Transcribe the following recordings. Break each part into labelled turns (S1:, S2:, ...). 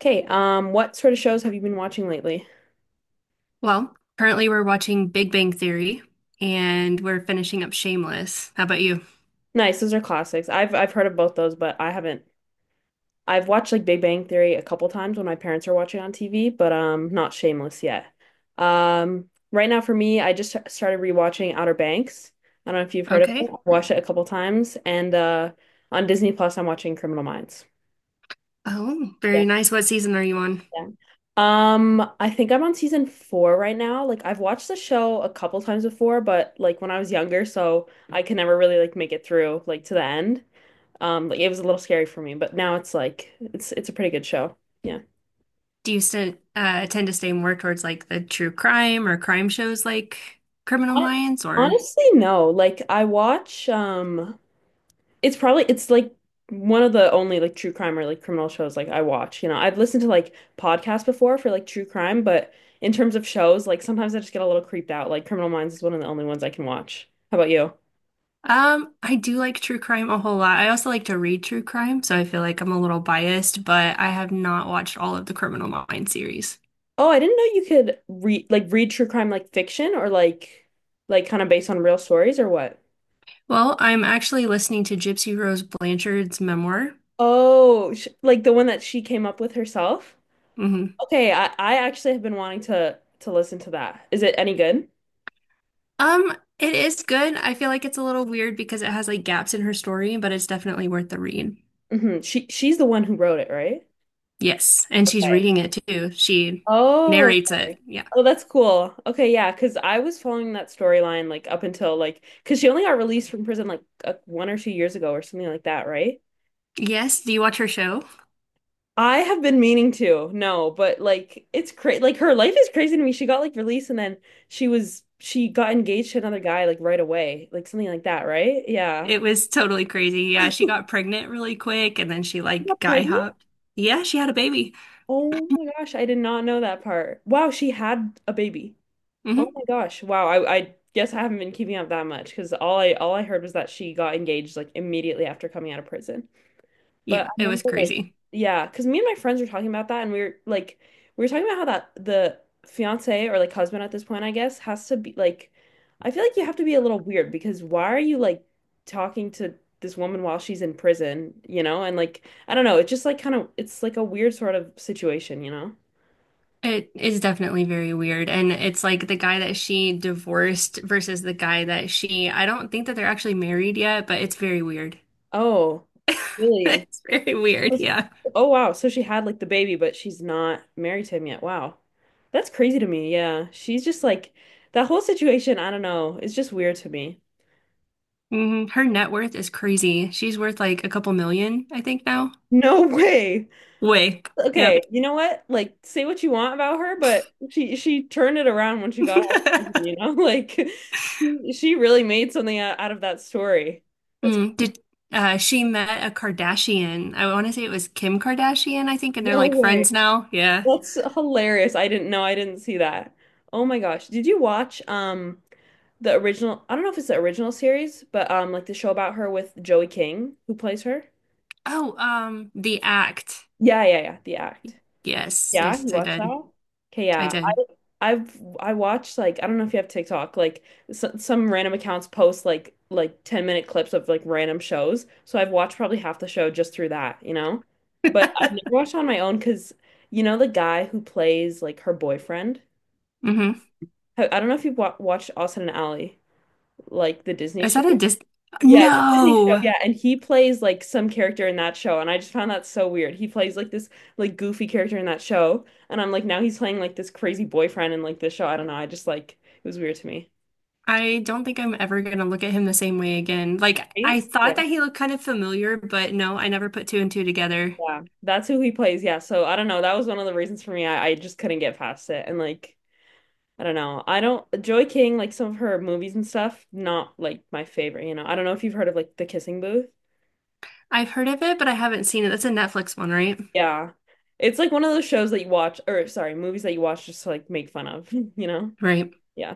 S1: Okay, what sort of shows have you been watching lately?
S2: Well, currently we're watching Big Bang Theory and we're finishing up Shameless. How about you?
S1: Nice, those are classics. I've heard of both those, but I haven't. I've watched like Big Bang Theory a couple times when my parents are watching on TV, but not Shameless yet. Right now for me, I just started rewatching Outer Banks. I don't know if you've heard of it.
S2: Okay.
S1: I've watched it a couple times, and on Disney Plus, I'm watching Criminal Minds.
S2: Oh, very nice. What season are you on?
S1: Yeah. I think I'm on season four right now. Like I've watched the show a couple times before, but like when I was younger, so I could never really like make it through like to the end. Like it was a little scary for me, but now it's like it's a pretty good show. Yeah.
S2: Do you st tend to stay more towards like the true crime or crime shows like Criminal
S1: Hon-
S2: Minds or
S1: Honestly, no. Like I watch it's probably it's like one of the only like true crime or like criminal shows like I watch. I've listened to like podcasts before for like true crime, but in terms of shows, like sometimes I just get a little creeped out. Like Criminal Minds is one of the only ones I can watch. How about you?
S2: I do like true crime a whole lot. I also like to read true crime, so I feel like I'm a little biased, but I have not watched all of the Criminal Minds series.
S1: Oh, I didn't know you could read like read true crime like fiction or like kind of based on real stories or what?
S2: Well, I'm actually listening to Gypsy Rose Blanchard's memoir.
S1: Oh, sh like the one that she came up with herself?
S2: Mhm.
S1: Okay, I actually have been wanting to listen to that. Is it any good?
S2: Um, it is good. I feel like it's a little weird because it has like gaps in her story, but it's definitely worth the read.
S1: Hmm. She's the one who wrote it, right?
S2: Yes, and she's
S1: Okay.
S2: reading it too. She
S1: Oh,
S2: narrates it.
S1: okay.
S2: Yeah.
S1: Oh, that's cool. Okay, yeah, because I was following that storyline like up until like because she only got released from prison like 1 or 2 years ago or something like that, right?
S2: Yes, do you watch her show?
S1: I have been meaning to, no, but like it's crazy. Like her life is crazy to me. She got like released and then she got engaged to another guy like right away, like something like that, right? Yeah.
S2: It was totally crazy. Yeah, she got pregnant really quick and then she
S1: She
S2: like
S1: got
S2: guy
S1: pregnant?
S2: hopped. Yeah, she had a baby.
S1: Oh my gosh, I did not know that part. Wow, she had a baby. Oh
S2: Hmm.
S1: my gosh. Wow. I guess I haven't been keeping up that much because all I heard was that she got engaged like immediately after coming out of prison. But I
S2: Yeah, it was
S1: remember like
S2: crazy.
S1: yeah, because me and my friends were talking about that and we were talking about how that the fiance or like husband at this point, I guess, has to be like I feel like you have to be a little weird because why are you like talking to this woman while she's in prison, you know? And like I don't know, it's just like kind of it's like a weird sort of situation, you know?
S2: It is definitely very weird. And it's like the guy that she divorced versus the guy that she, I don't think that they're actually married yet, but it's very weird.
S1: Oh, really?
S2: It's very weird. Yeah.
S1: Oh wow, so she had like the baby, but she's not married to him yet. Wow. That's crazy to me. Yeah. She's just like that whole situation, I don't know, it's just weird to me.
S2: Her net worth is crazy. She's worth like a couple million, I think now.
S1: No way.
S2: Way.
S1: Okay,
S2: Yep.
S1: you know what? Like say what you want about her, but she turned it around when she got out of prison, you know? Like she really made something out of that story. That's
S2: Mm, did she met a Kardashian? I want to say it was Kim Kardashian, I think, and they're
S1: no
S2: like
S1: way.
S2: friends now. Yeah.
S1: That's hilarious. I didn't know. I didn't see that. Oh my gosh. Did you watch the original, I don't know if it's the original series, but like the show about her with Joey King, who plays her.
S2: Oh, The Act.
S1: Yeah, The Act.
S2: Yes,
S1: Yeah,
S2: yes,
S1: you
S2: I
S1: watched that
S2: did.
S1: one? Okay,
S2: I
S1: yeah.
S2: did.
S1: I watched like I don't know if you have TikTok, like s some random accounts post like 10-minute clips of like random shows. So I've watched probably half the show just through that, you know? But I've never watched on my own because you know the guy who plays like her boyfriend?
S2: Hmm.
S1: I don't know if you've wa watched Austin and Ally, like the Disney
S2: Is
S1: show.
S2: that a dis?
S1: Yeah, it's a Disney show.
S2: No,
S1: Yeah, and he plays like some character in that show, and I just found that so weird. He plays like this like goofy character in that show, and I'm like now he's playing like this crazy boyfriend in like this show. I don't know. I just like it was weird to me.
S2: I don't think I'm ever gonna look at him the same way again. Like
S1: Right?
S2: I
S1: Yeah,
S2: thought that he looked kind of familiar, but no, I never put two and two together.
S1: yeah. That's who he plays. Yeah. So I don't know. That was one of the reasons for me. I just couldn't get past it, and like I don't know. I don't Joy King like some of her movies and stuff. Not like my favorite. You know. I don't know if you've heard of like The Kissing Booth.
S2: I've heard of it, but I haven't seen it. That's a Netflix one, right?
S1: Yeah. It's like one of those shows that you watch, or sorry, movies that you watch just to like make fun of, you know?
S2: Right.
S1: Yeah.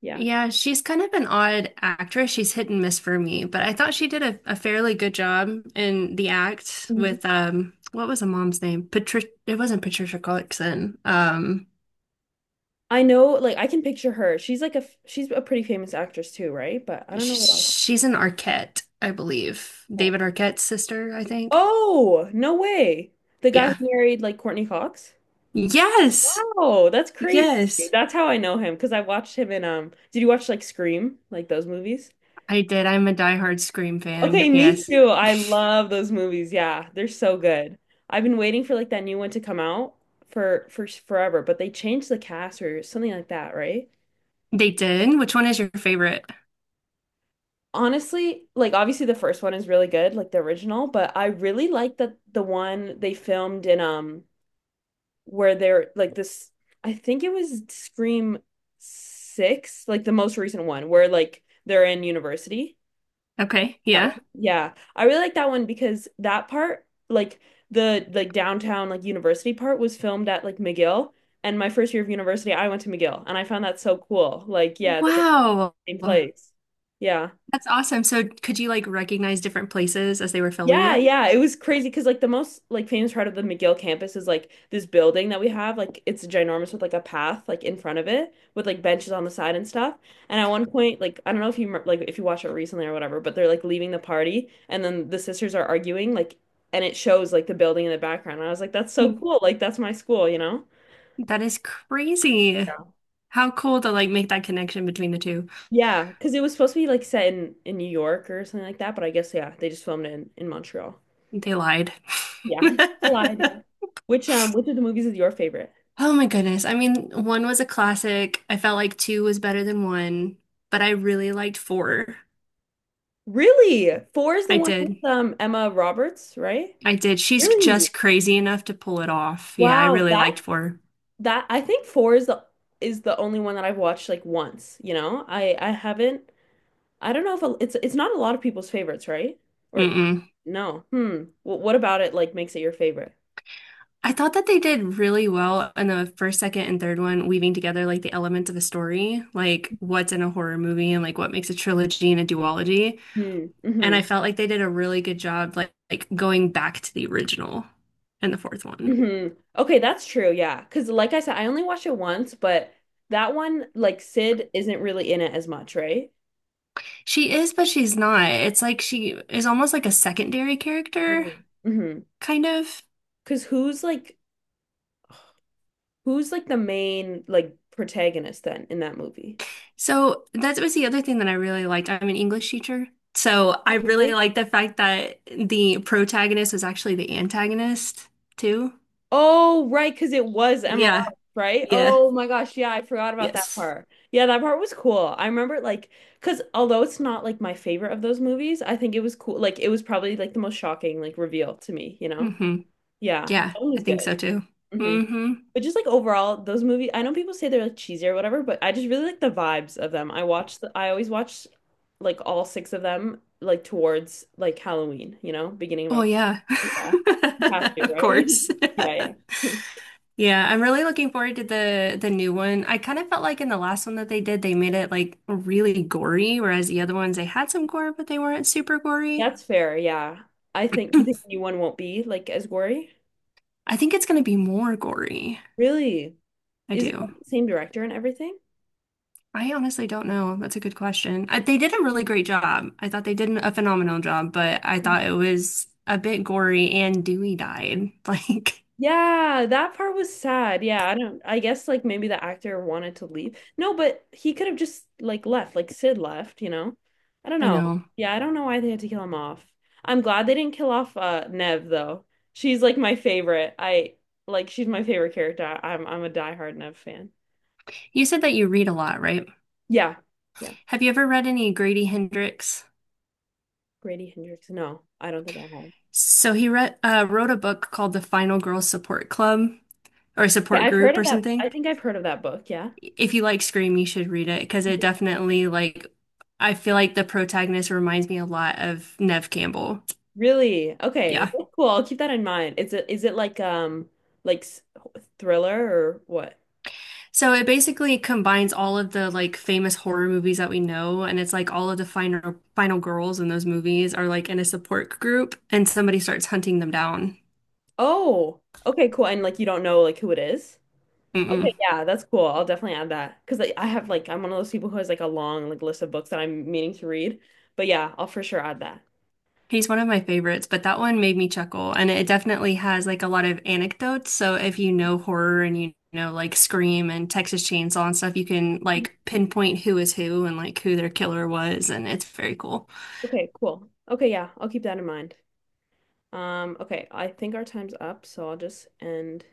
S1: Yeah.
S2: Yeah, she's kind of an odd actress. She's hit and miss for me, but I thought she did a fairly good job in the act
S1: Mhm.
S2: with what was the mom's name? Patricia It wasn't Patricia Clarkson.
S1: I know, like, I can picture her. She's like she's a pretty famous actress too, right? But I don't know what else.
S2: Sh- she's an Arquette, I believe.
S1: Yeah.
S2: David Arquette's sister, I think.
S1: Oh, no way. The guy who
S2: Yeah.
S1: married like Courtney Cox?
S2: Yes.
S1: Wow, that's crazy.
S2: Yes.
S1: That's how I know him because I watched him in, did you watch like Scream, like those movies?
S2: I did. I'm a diehard Scream
S1: Okay,
S2: fan.
S1: me
S2: Yes.
S1: too. I love those movies. Yeah, they're so good. I've been waiting for like that new one to come out for forever, but they changed the cast or something like that, right?
S2: They did. Which one is your favorite?
S1: Honestly, like obviously the first one is really good, like the original, but I really like that the one they filmed in where they're like this I think it was Scream Six, like the most recent one, where like they're in university.
S2: Okay.
S1: That
S2: Yeah.
S1: one. Yeah. I really like that one because that part, like the like downtown like university part was filmed at like McGill. And my first year of university, I went to McGill and I found that so cool. Like, yeah, that they filmed
S2: Wow.
S1: in the same
S2: That's
S1: place. Yeah.
S2: awesome. So could you like recognize different places as they were filming
S1: Yeah,
S2: it?
S1: yeah, it was crazy because like the most like famous part of the McGill campus is like this building that we have. Like it's ginormous with like a path like in front of it with like benches on the side and stuff. And at one point, like I don't know if you like if you watched it recently or whatever, but they're like leaving the party and then the sisters are arguing like and it shows like the building in the background. And I was like, that's so
S2: Mm.
S1: cool. Like that's my school, you know?
S2: That is crazy.
S1: Yeah.
S2: How cool to like make that connection between the two.
S1: Yeah, because it was supposed to be like set in New York or something like that, but I guess yeah, they just filmed it in Montreal.
S2: They lied.
S1: Yeah. Collide, yeah. Which which of the movies is your favorite?
S2: Oh my goodness. I mean, one was a classic. I felt like two was better than one, but I really liked four.
S1: Really? Four is the
S2: I
S1: one
S2: did.
S1: with Emma Roberts, right?
S2: I did. She's
S1: Really?
S2: just crazy enough to pull it off. Yeah, I
S1: Wow,
S2: really liked four.
S1: that I think four is the only one that I've watched like once, you know? I haven't I don't know if it's not a lot of people's favorites, right? Or
S2: Mm-mm.
S1: no. Hmm. Well, what about it like makes it your favorite?
S2: I thought that they did really well in the first, second, and third one, weaving together like the elements of a story, like what's in a horror movie and like what makes a trilogy and a duology.
S1: Hmm.
S2: And
S1: Hmm.
S2: I felt like they did a really good job, like going back to the original in the fourth one.
S1: Hmm. Okay, that's true. Yeah, because like I said, I only watched it once, but that one like Sid isn't really in it as much, right?
S2: She is, but she's not. It's like she is almost like a secondary character,
S1: Mm-hmm.
S2: kind of.
S1: Because who's like who's like the main like protagonist then in that movie?
S2: So that was the other thing that I really liked. I'm an English teacher. So I really
S1: Really?
S2: liked the fact that the protagonist was actually the antagonist too.
S1: Oh, right, because it was Emma
S2: Yeah,
S1: Roberts, right?
S2: yeah,
S1: Oh my gosh, yeah, I forgot about that
S2: yes.
S1: part. Yeah, that part was cool. I remember it, like because although it's not like my favorite of those movies, I think it was cool. Like it was probably like the most shocking like reveal to me, you know?
S2: Hmm.
S1: Yeah, that
S2: Yeah,
S1: one
S2: I
S1: was good.
S2: think so too.
S1: Hmm.
S2: Hmm.
S1: But just like overall, those movies, I know people say they're like cheesy or whatever, but I just really like the vibes of them. I always watch like all six of them like towards like Halloween, you know, beginning of
S2: Oh
S1: October.
S2: yeah.
S1: Yeah. You have to,
S2: Of
S1: right?
S2: course.
S1: Yeah, yeah.
S2: Yeah, I'm really looking forward to the new one. I kind of felt like in the last one that they did, they made it like really gory, whereas the other ones they had some gore, but they weren't super gory.
S1: That's fair, yeah. I think you think the new one won't be like as gory?
S2: I think it's gonna be more gory.
S1: Really?
S2: I
S1: Is it
S2: do.
S1: like, the same director and everything?
S2: I honestly don't know. That's a good question. They did a really great job. I thought they did a phenomenal job, but I thought it was a bit gory and Dewey died. Like,
S1: Yeah, that part was sad. Yeah, I don't, I guess like maybe the actor wanted to leave. No, but he could have just like left, like Sid left, you know? I don't
S2: I
S1: know.
S2: know.
S1: Yeah, I don't know why they had to kill him off. I'm glad they didn't kill off Nev though. She's like my favorite. I like she's my favorite character. I'm a diehard Nev fan.
S2: You said that you read a lot, right?
S1: Yeah. Yeah.
S2: Have you ever read any Grady Hendrix?
S1: Grady Hendrix. No, I don't think I have. Okay,
S2: So he wrote a book called The Final Girl Support Club or Support
S1: I've heard
S2: Group
S1: of
S2: or
S1: that. I
S2: something.
S1: think I've heard of that book, yeah.
S2: If you like Scream, you should read it because it definitely like I feel like the protagonist reminds me a lot of Nev Campbell.
S1: Really? Okay.
S2: Yeah.
S1: That's cool. I'll keep that in mind. Is it like thriller or what?
S2: So it basically combines all of the like famous horror movies that we know, and it's like all of the final girls in those movies are like in a support group, and somebody starts hunting them down.
S1: Oh, okay, cool. And like you don't know like who it is? Okay,
S2: Mm-mm.
S1: yeah, that's cool. I'll definitely add that because like, I have like I'm one of those people who has like a long like list of books that I'm meaning to read. But yeah, I'll for sure add that.
S2: He's one of my favorites, but that one made me chuckle, and it definitely has like a lot of anecdotes. So if you know horror and you know like Scream and Texas Chainsaw and stuff, you can like pinpoint who is who and like who their killer was, and it's very cool.
S1: Okay, cool. Okay, yeah, I'll keep that in mind. Okay, I think our time's up, so I'll just end.